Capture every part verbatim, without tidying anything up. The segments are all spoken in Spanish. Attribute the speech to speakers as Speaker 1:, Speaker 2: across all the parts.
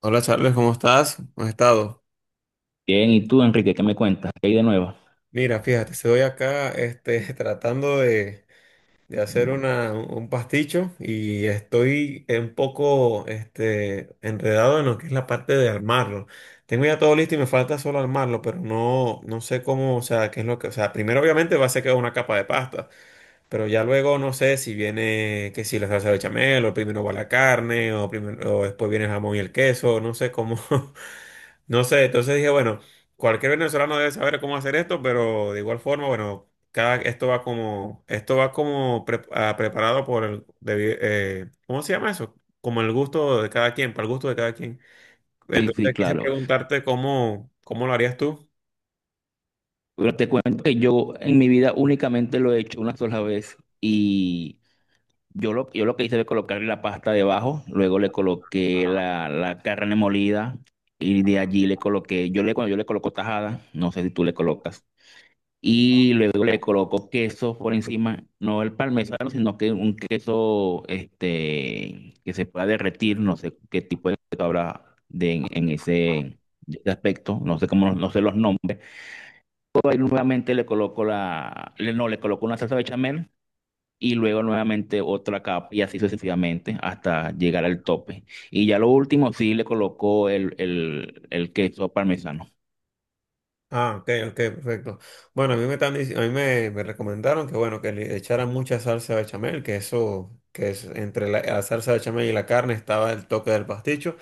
Speaker 1: Hola Charles, ¿cómo estás? ¿Cómo has estado?
Speaker 2: Bien, ¿y tú, Enrique, qué me cuentas? ¿Qué hay de nuevo?
Speaker 1: Mira, fíjate, estoy acá este, tratando de, de hacer una, un pasticho y estoy un poco este, enredado en lo que es la parte de armarlo. Tengo ya todo listo y me falta solo armarlo, pero no, no sé cómo, o sea, qué es lo que, o sea, primero obviamente va a ser que una capa de pasta, pero ya luego no sé si viene, que si la salsa bechamel, o primero va la carne, o, primero, o después viene el jamón y el queso, no sé cómo, No sé, entonces dije, bueno, cualquier venezolano debe saber cómo hacer esto, pero de igual forma, bueno, cada, esto va como, esto va como pre- ah, preparado por el, debi- eh, ¿cómo se llama eso? Como el gusto de cada quien, para el gusto de cada quien.
Speaker 2: Sí, sí,
Speaker 1: Entonces quise
Speaker 2: claro.
Speaker 1: preguntarte cómo, cómo lo harías tú.
Speaker 2: Pero te cuento que yo en mi vida únicamente lo he hecho una sola vez y yo lo, yo lo que hice fue colocarle la pasta debajo, luego le coloqué la, la carne molida y de allí le coloqué, yo le, cuando yo le coloco tajada, no sé si tú le colocas. Y luego le coloco queso por encima, no el parmesano, sino que un queso este, que se pueda derretir, no sé qué tipo de queso habrá de, en, en ese, de ese aspecto, no sé cómo, no sé los nombres. Luego ahí nuevamente le coloco la, le- no, le coloco una salsa bechamel y luego nuevamente otra capa y así sucesivamente hasta llegar al tope. Y ya lo último sí le coloco el, el, el queso parmesano.
Speaker 1: Ah, ok, ok, perfecto. Bueno, a mí me están dic- a mí me, me recomendaron que bueno, que le echaran mucha salsa bechamel, que eso, que es entre la, la salsa bechamel y la carne estaba el toque del pasticho.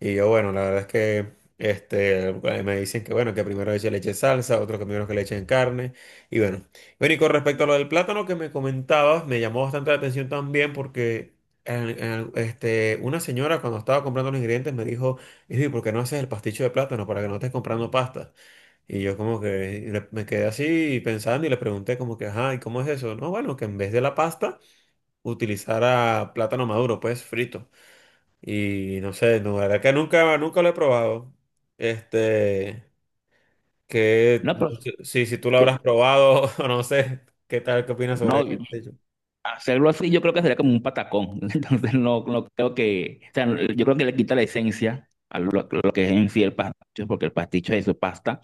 Speaker 1: Y yo, bueno, la verdad es que este, eh, me dicen que, bueno, que primero le eche leche salsa, otros que primero que le echen carne, y bueno. Bueno, y con respecto a lo del plátano que me comentabas, me llamó bastante la atención también porque en- en- este, una señora cuando estaba comprando los ingredientes me dijo, "Ey, ¿por qué no haces el pasticho de plátano para que no estés comprando pasta? Y yo como que le- me quedé así pensando y le pregunté como que, ajá, ¿y cómo es eso? No, bueno, que en vez de la pasta utilizara plátano maduro, pues frito. Y no sé, no, la verdad que nunca, nunca lo he probado. Este, que
Speaker 2: No, pero
Speaker 1: si, si tú lo habrás
Speaker 2: yo,
Speaker 1: probado, o no sé, ¿qué tal, qué opinas
Speaker 2: no,
Speaker 1: sobre ello?
Speaker 2: hacerlo así yo creo que sería como un patacón. Entonces no, no creo que, o sea, yo creo que le quita la esencia a lo, lo que es en sí el pasticho, porque el pasticho es eso, pasta,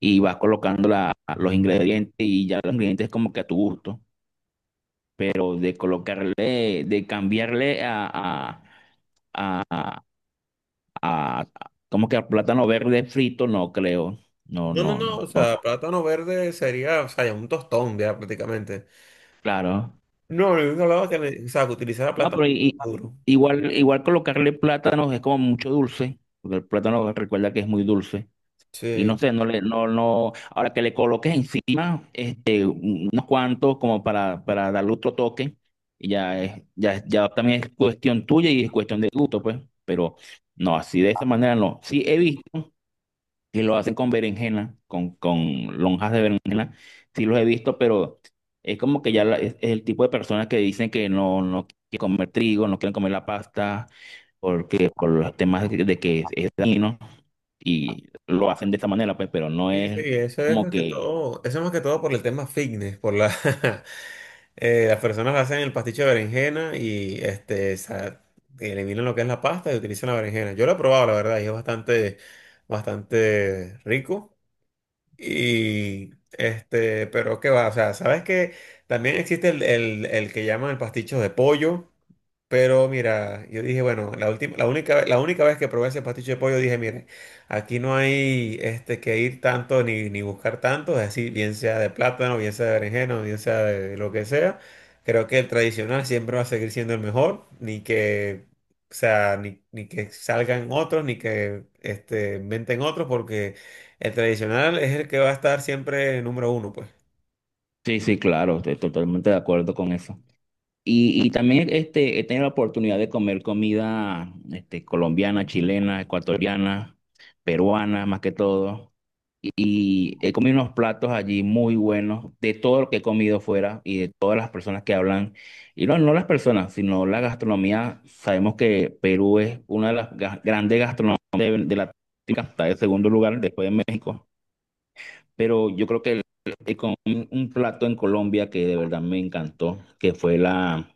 Speaker 2: y vas colocando la- los ingredientes y ya los ingredientes como que a tu gusto, pero de colocarle, de cambiarle a, a, a- a- como que a plátano verde frito, no creo. No,
Speaker 1: No, no,
Speaker 2: no,
Speaker 1: no,
Speaker 2: no,
Speaker 1: o
Speaker 2: no,
Speaker 1: sea, plátano verde sería, o sea, un tostón ya prácticamente.
Speaker 2: claro.
Speaker 1: No, yo no hablaba que, me- o sea, que utilizara
Speaker 2: No,
Speaker 1: plátano
Speaker 2: pero i- i-
Speaker 1: maduro.
Speaker 2: igual, igual colocarle plátanos es como mucho dulce, porque el plátano recuerda que es muy dulce. Y
Speaker 1: Sí,
Speaker 2: no sé, no le, no, no, ahora que le coloques encima, este, unos cuantos como para, para darle otro toque, y ya es, ya, es- ya también es cuestión tuya y es cuestión de gusto, pues. Pero no, así de esa manera no. Sí he visto que lo hacen con berenjena, con, con lonjas de berenjena, sí los he visto, pero es como que ya la- es, es el tipo de personas que dicen que no, no quieren comer trigo, no quieren comer la pasta, porque por los temas de que es dañino y lo hacen de esta manera, pues, pero no
Speaker 1: sí, sí,
Speaker 2: es
Speaker 1: eso es
Speaker 2: como
Speaker 1: más que
Speaker 2: que...
Speaker 1: todo, eso es más que todo por el tema fitness, por la, Eh, las personas hacen el pasticho de berenjena y este, sa- eliminan lo que es la pasta y utilizan la berenjena. Yo lo he probado, la verdad, y es bastante, bastante rico. Y este, pero qué va, o sea, sabes que también existe el, el- el que llaman el pasticho de pollo. Pero mira, yo dije, bueno, la última, la única, ve- la única vez que probé ese pasticho de pollo, dije, mire, aquí no hay este, que ir tanto ni, ni buscar tanto, es decir, bien sea de plátano, bien sea de berenjena, bien sea de lo que sea. Creo que el tradicional siempre va a seguir siendo el mejor, ni que, o sea, ni, ni que salgan otros, ni que este, inventen otros, porque el tradicional es el que va a estar siempre número uno, pues.
Speaker 2: Sí, sí, claro, estoy totalmente de acuerdo con eso. Y, y también este, he tenido la oportunidad de comer comida este, colombiana, chilena, ecuatoriana, peruana, más que todo. Y he comido unos platos allí muy buenos, de todo lo que he comido fuera y de todas las personas que hablan. Y no, no las personas, sino la gastronomía. Sabemos que Perú es una de las ga- grandes gastronomías de, de Latinoamérica, está en segundo lugar después de México. Pero yo creo que eh, con un, un plato en Colombia que de verdad me encantó, que fue la,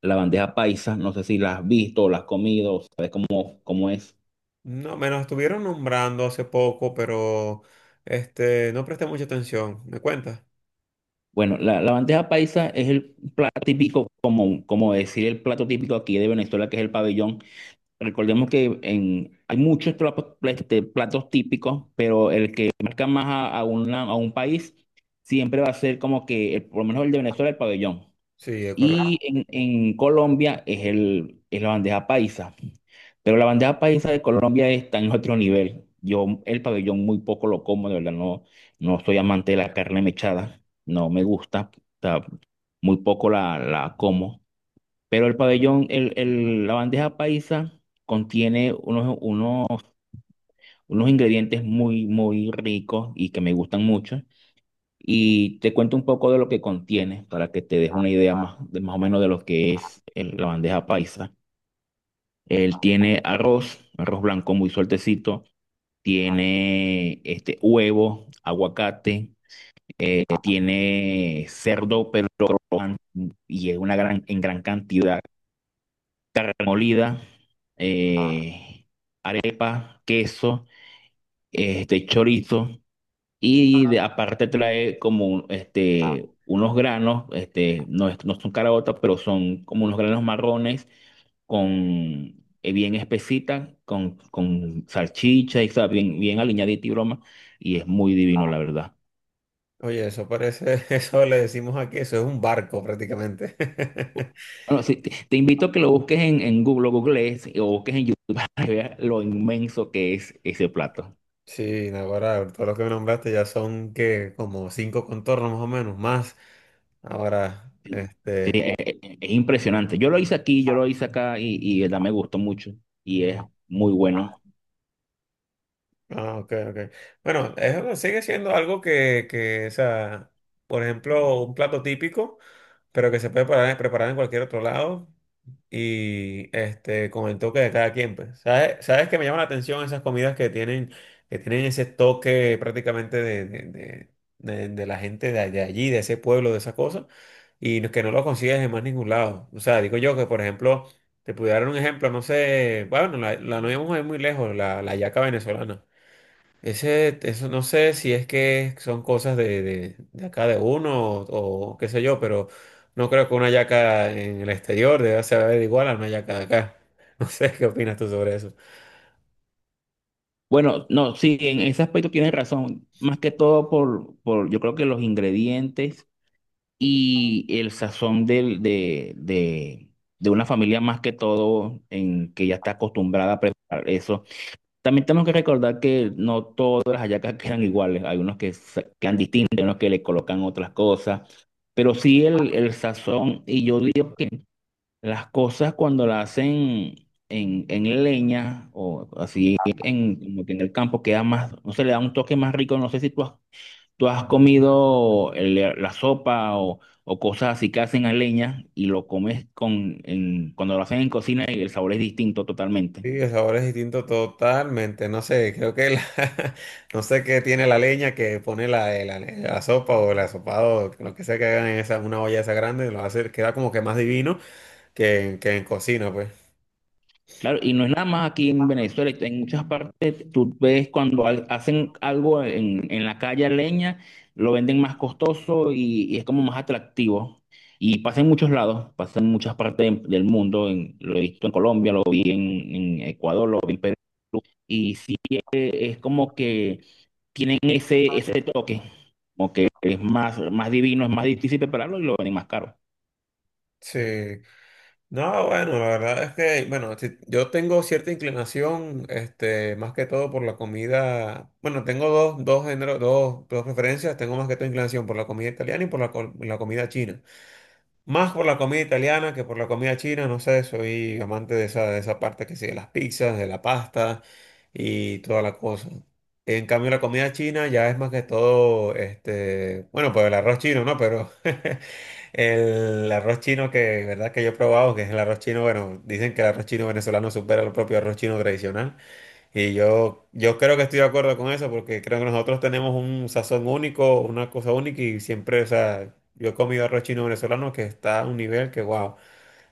Speaker 2: la bandeja paisa. No sé si la has visto o la has comido, o sabes cómo, cómo es.
Speaker 1: No, me lo estuvieron nombrando hace poco, pero este, no presté mucha atención. ¿Me cuentas?
Speaker 2: Bueno, la, la bandeja paisa es el plato típico, como, como decir el plato típico aquí de Venezuela, que es el pabellón. Recordemos que en, hay muchos platos, este, platos típicos, pero el que marca más a, a una- a un país siempre va a ser como que, el- por lo menos el de Venezuela, el pabellón.
Speaker 1: Sí, es
Speaker 2: Y
Speaker 1: correcto.
Speaker 2: en, en Colombia es, el, es la bandeja paisa. Pero la bandeja paisa de Colombia está en otro nivel. Yo el pabellón muy poco lo como, de verdad, no, no soy amante de la carne mechada. No me gusta. O sea, muy poco la, la como. Pero el pabellón, el, el- la bandeja paisa contiene unos, unos, unos ingredientes muy, muy ricos y que me gustan mucho. Y te cuento un poco de lo que contiene para que te des una idea más, de, más o menos de lo que es el- la bandeja paisa. Él tiene arroz, arroz blanco muy sueltecito, tiene este huevo, aguacate, eh, tiene cerdo, pero crocante, y es una gran, en gran cantidad, carne molida, eh, arepa, queso, este chorizo. Y de- aparte trae como este, unos granos, este, no, es- no son caraotas, pero son como unos granos marrones con eh, bien espesitas, con, con salchicha y sabe, bien, bien aliñadita y broma, y es muy divino, la verdad.
Speaker 1: Oye, eso parece, eso le decimos aquí, eso es un barco prácticamente.
Speaker 2: Bueno, sí, te, te invito a que lo busques en, en Google, lo googlees eh, o busques en YouTube para que veas lo inmenso que es ese plato.
Speaker 1: Sí, no, ahora todo lo que me nombraste ya son que como cinco contornos más o menos, más. Ahora, este,
Speaker 2: Es, es impresionante. Yo lo hice aquí, yo lo hice acá y, y de verdad me gustó mucho y es muy bueno.
Speaker 1: ah, ok, ok. Bueno, eso sigue siendo algo que, que, o sea, por ejemplo, un plato típico, pero que se puede preparar, preparar en cualquier otro lado. Y este, con el toque de cada quien, pues. ¿Sabes? ¿Sabes que me llama la atención esas comidas que tienen, que tienen ese toque prácticamente de, de, de- de- de la gente de, de allí, de ese pueblo, de esas cosas, y no- que no lo consigues en más ningún lado? O sea, digo yo que, por ejemplo, te pudiera dar un ejemplo, no sé, bueno, la, la no íbamos a ir muy lejos, la, la hallaca venezolana. Ese, eso no sé si es que son cosas de, de, de acá de uno o, o qué sé yo, pero no creo que una yaca en el exterior deba saber igual a una yaca de acá. No sé qué opinas tú sobre eso.
Speaker 2: Bueno, no, sí, en ese aspecto tienes razón. Más que todo por, por yo creo que los ingredientes y el sazón del- de, de, de una familia más que todo en que ya está acostumbrada a preparar eso. También tenemos que recordar que no todas las hallacas quedan iguales. Hay unos que sa- quedan distintos, hay unos que le colocan otras cosas. Pero sí el, el sazón, y yo digo que las cosas cuando las hacen en, en leña o así en, como que en el campo queda más, no sé, le da un toque más rico. No sé si tú has, tú has comido el- la sopa o, o cosas así que hacen a leña y lo comes con, en- cuando lo hacen en cocina y el sabor es distinto
Speaker 1: Sí,
Speaker 2: totalmente.
Speaker 1: el sabor es distinto totalmente. No sé, creo que la- no sé qué tiene la leña que pone la, eh, la, la sopa o el asopado, lo que sea que hagan en esa, una olla esa grande, lo hace, queda como que más divino que, en- que en cocina, pues.
Speaker 2: Claro, y no es nada más aquí en Venezuela, en muchas partes tú ves cuando al- hacen algo en, en la calle a leña, lo venden más costoso y, y es como más atractivo. Y pasa en muchos lados, pasa en muchas partes del mundo, en- lo he visto en Colombia, lo vi en, en Ecuador, lo vi en Perú, y sí eh, es como que tienen ese, ese toque, como que es más, más divino, es más difícil prepararlo y lo venden más caro.
Speaker 1: Sí. No, bueno, la verdad es que, bueno, si- yo tengo cierta inclinación, este, más que todo por la comida. Bueno, tengo dos, dos géneros, dos, dos preferencias. Tengo más que todo inclinación por la comida italiana y por la, co- la comida china. Más por la comida italiana que por la comida china, no sé, soy amante de esa, de esa parte que sí, de las pizzas, de la pasta y toda la cosa. En cambio, la comida china ya es más que todo, este, bueno, pues el arroz chino, ¿no? Pero el arroz chino que, verdad que yo he probado, que es el arroz chino, bueno, dicen que el arroz chino venezolano supera el propio arroz chino tradicional. Y yo, yo creo que estoy de acuerdo con eso, porque creo que nosotros tenemos un sazón único, una cosa única, y siempre, o sea, yo he comido arroz chino venezolano que está a un nivel que, wow,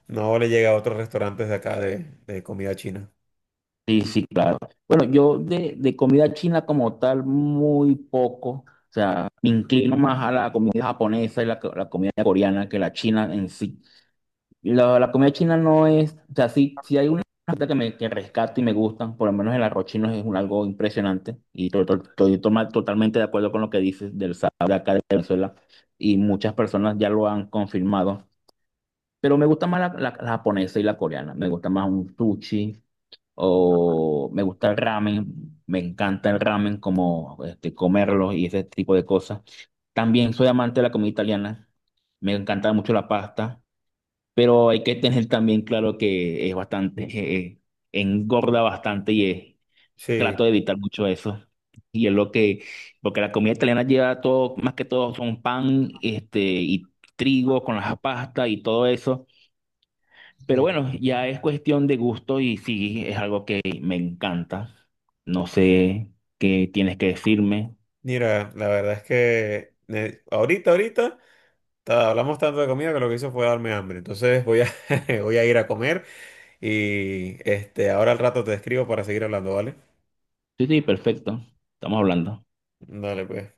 Speaker 1: no le llega a otros restaurantes de acá de, de comida china.
Speaker 2: Sí, sí, claro. Bueno, yo de, de comida china como tal, muy poco. O sea, me inclino más a la comida japonesa y la, co- la comida coreana que la china en sí. La, la comida china no es, o sea, sí, sí hay una receta que me que rescato y me gustan, por lo menos el arroz chino es un, algo impresionante y to- to- estoy toma- totalmente de acuerdo con lo que dices del sabor de acá de Venezuela y muchas personas ya lo han confirmado. Pero me gusta más la, la- la japonesa y la coreana. Me gusta más un sushi o me gusta el ramen, me encanta el ramen, como este, comerlo y ese tipo de cosas. También soy amante de la comida italiana, me encanta mucho la pasta, pero hay que tener también claro que es bastante, eh, engorda bastante y es-
Speaker 1: Sí,
Speaker 2: trato de evitar mucho eso. Y es lo que, porque la comida italiana lleva todo, más que todo son pan, este, y trigo con las pastas y todo eso. Pero
Speaker 1: sí.
Speaker 2: bueno, ya es cuestión de gusto y sí, es algo que me encanta. No sé qué tienes que decirme.
Speaker 1: Mira, la verdad es que eh, ahorita, ahorita, ta- hablamos tanto de comida que lo que hizo fue darme hambre. Entonces voy a, voy a ir a comer. Y este, ahora al rato te escribo para seguir hablando, ¿vale?
Speaker 2: Sí, sí, perfecto. Estamos hablando.
Speaker 1: Dale, pues.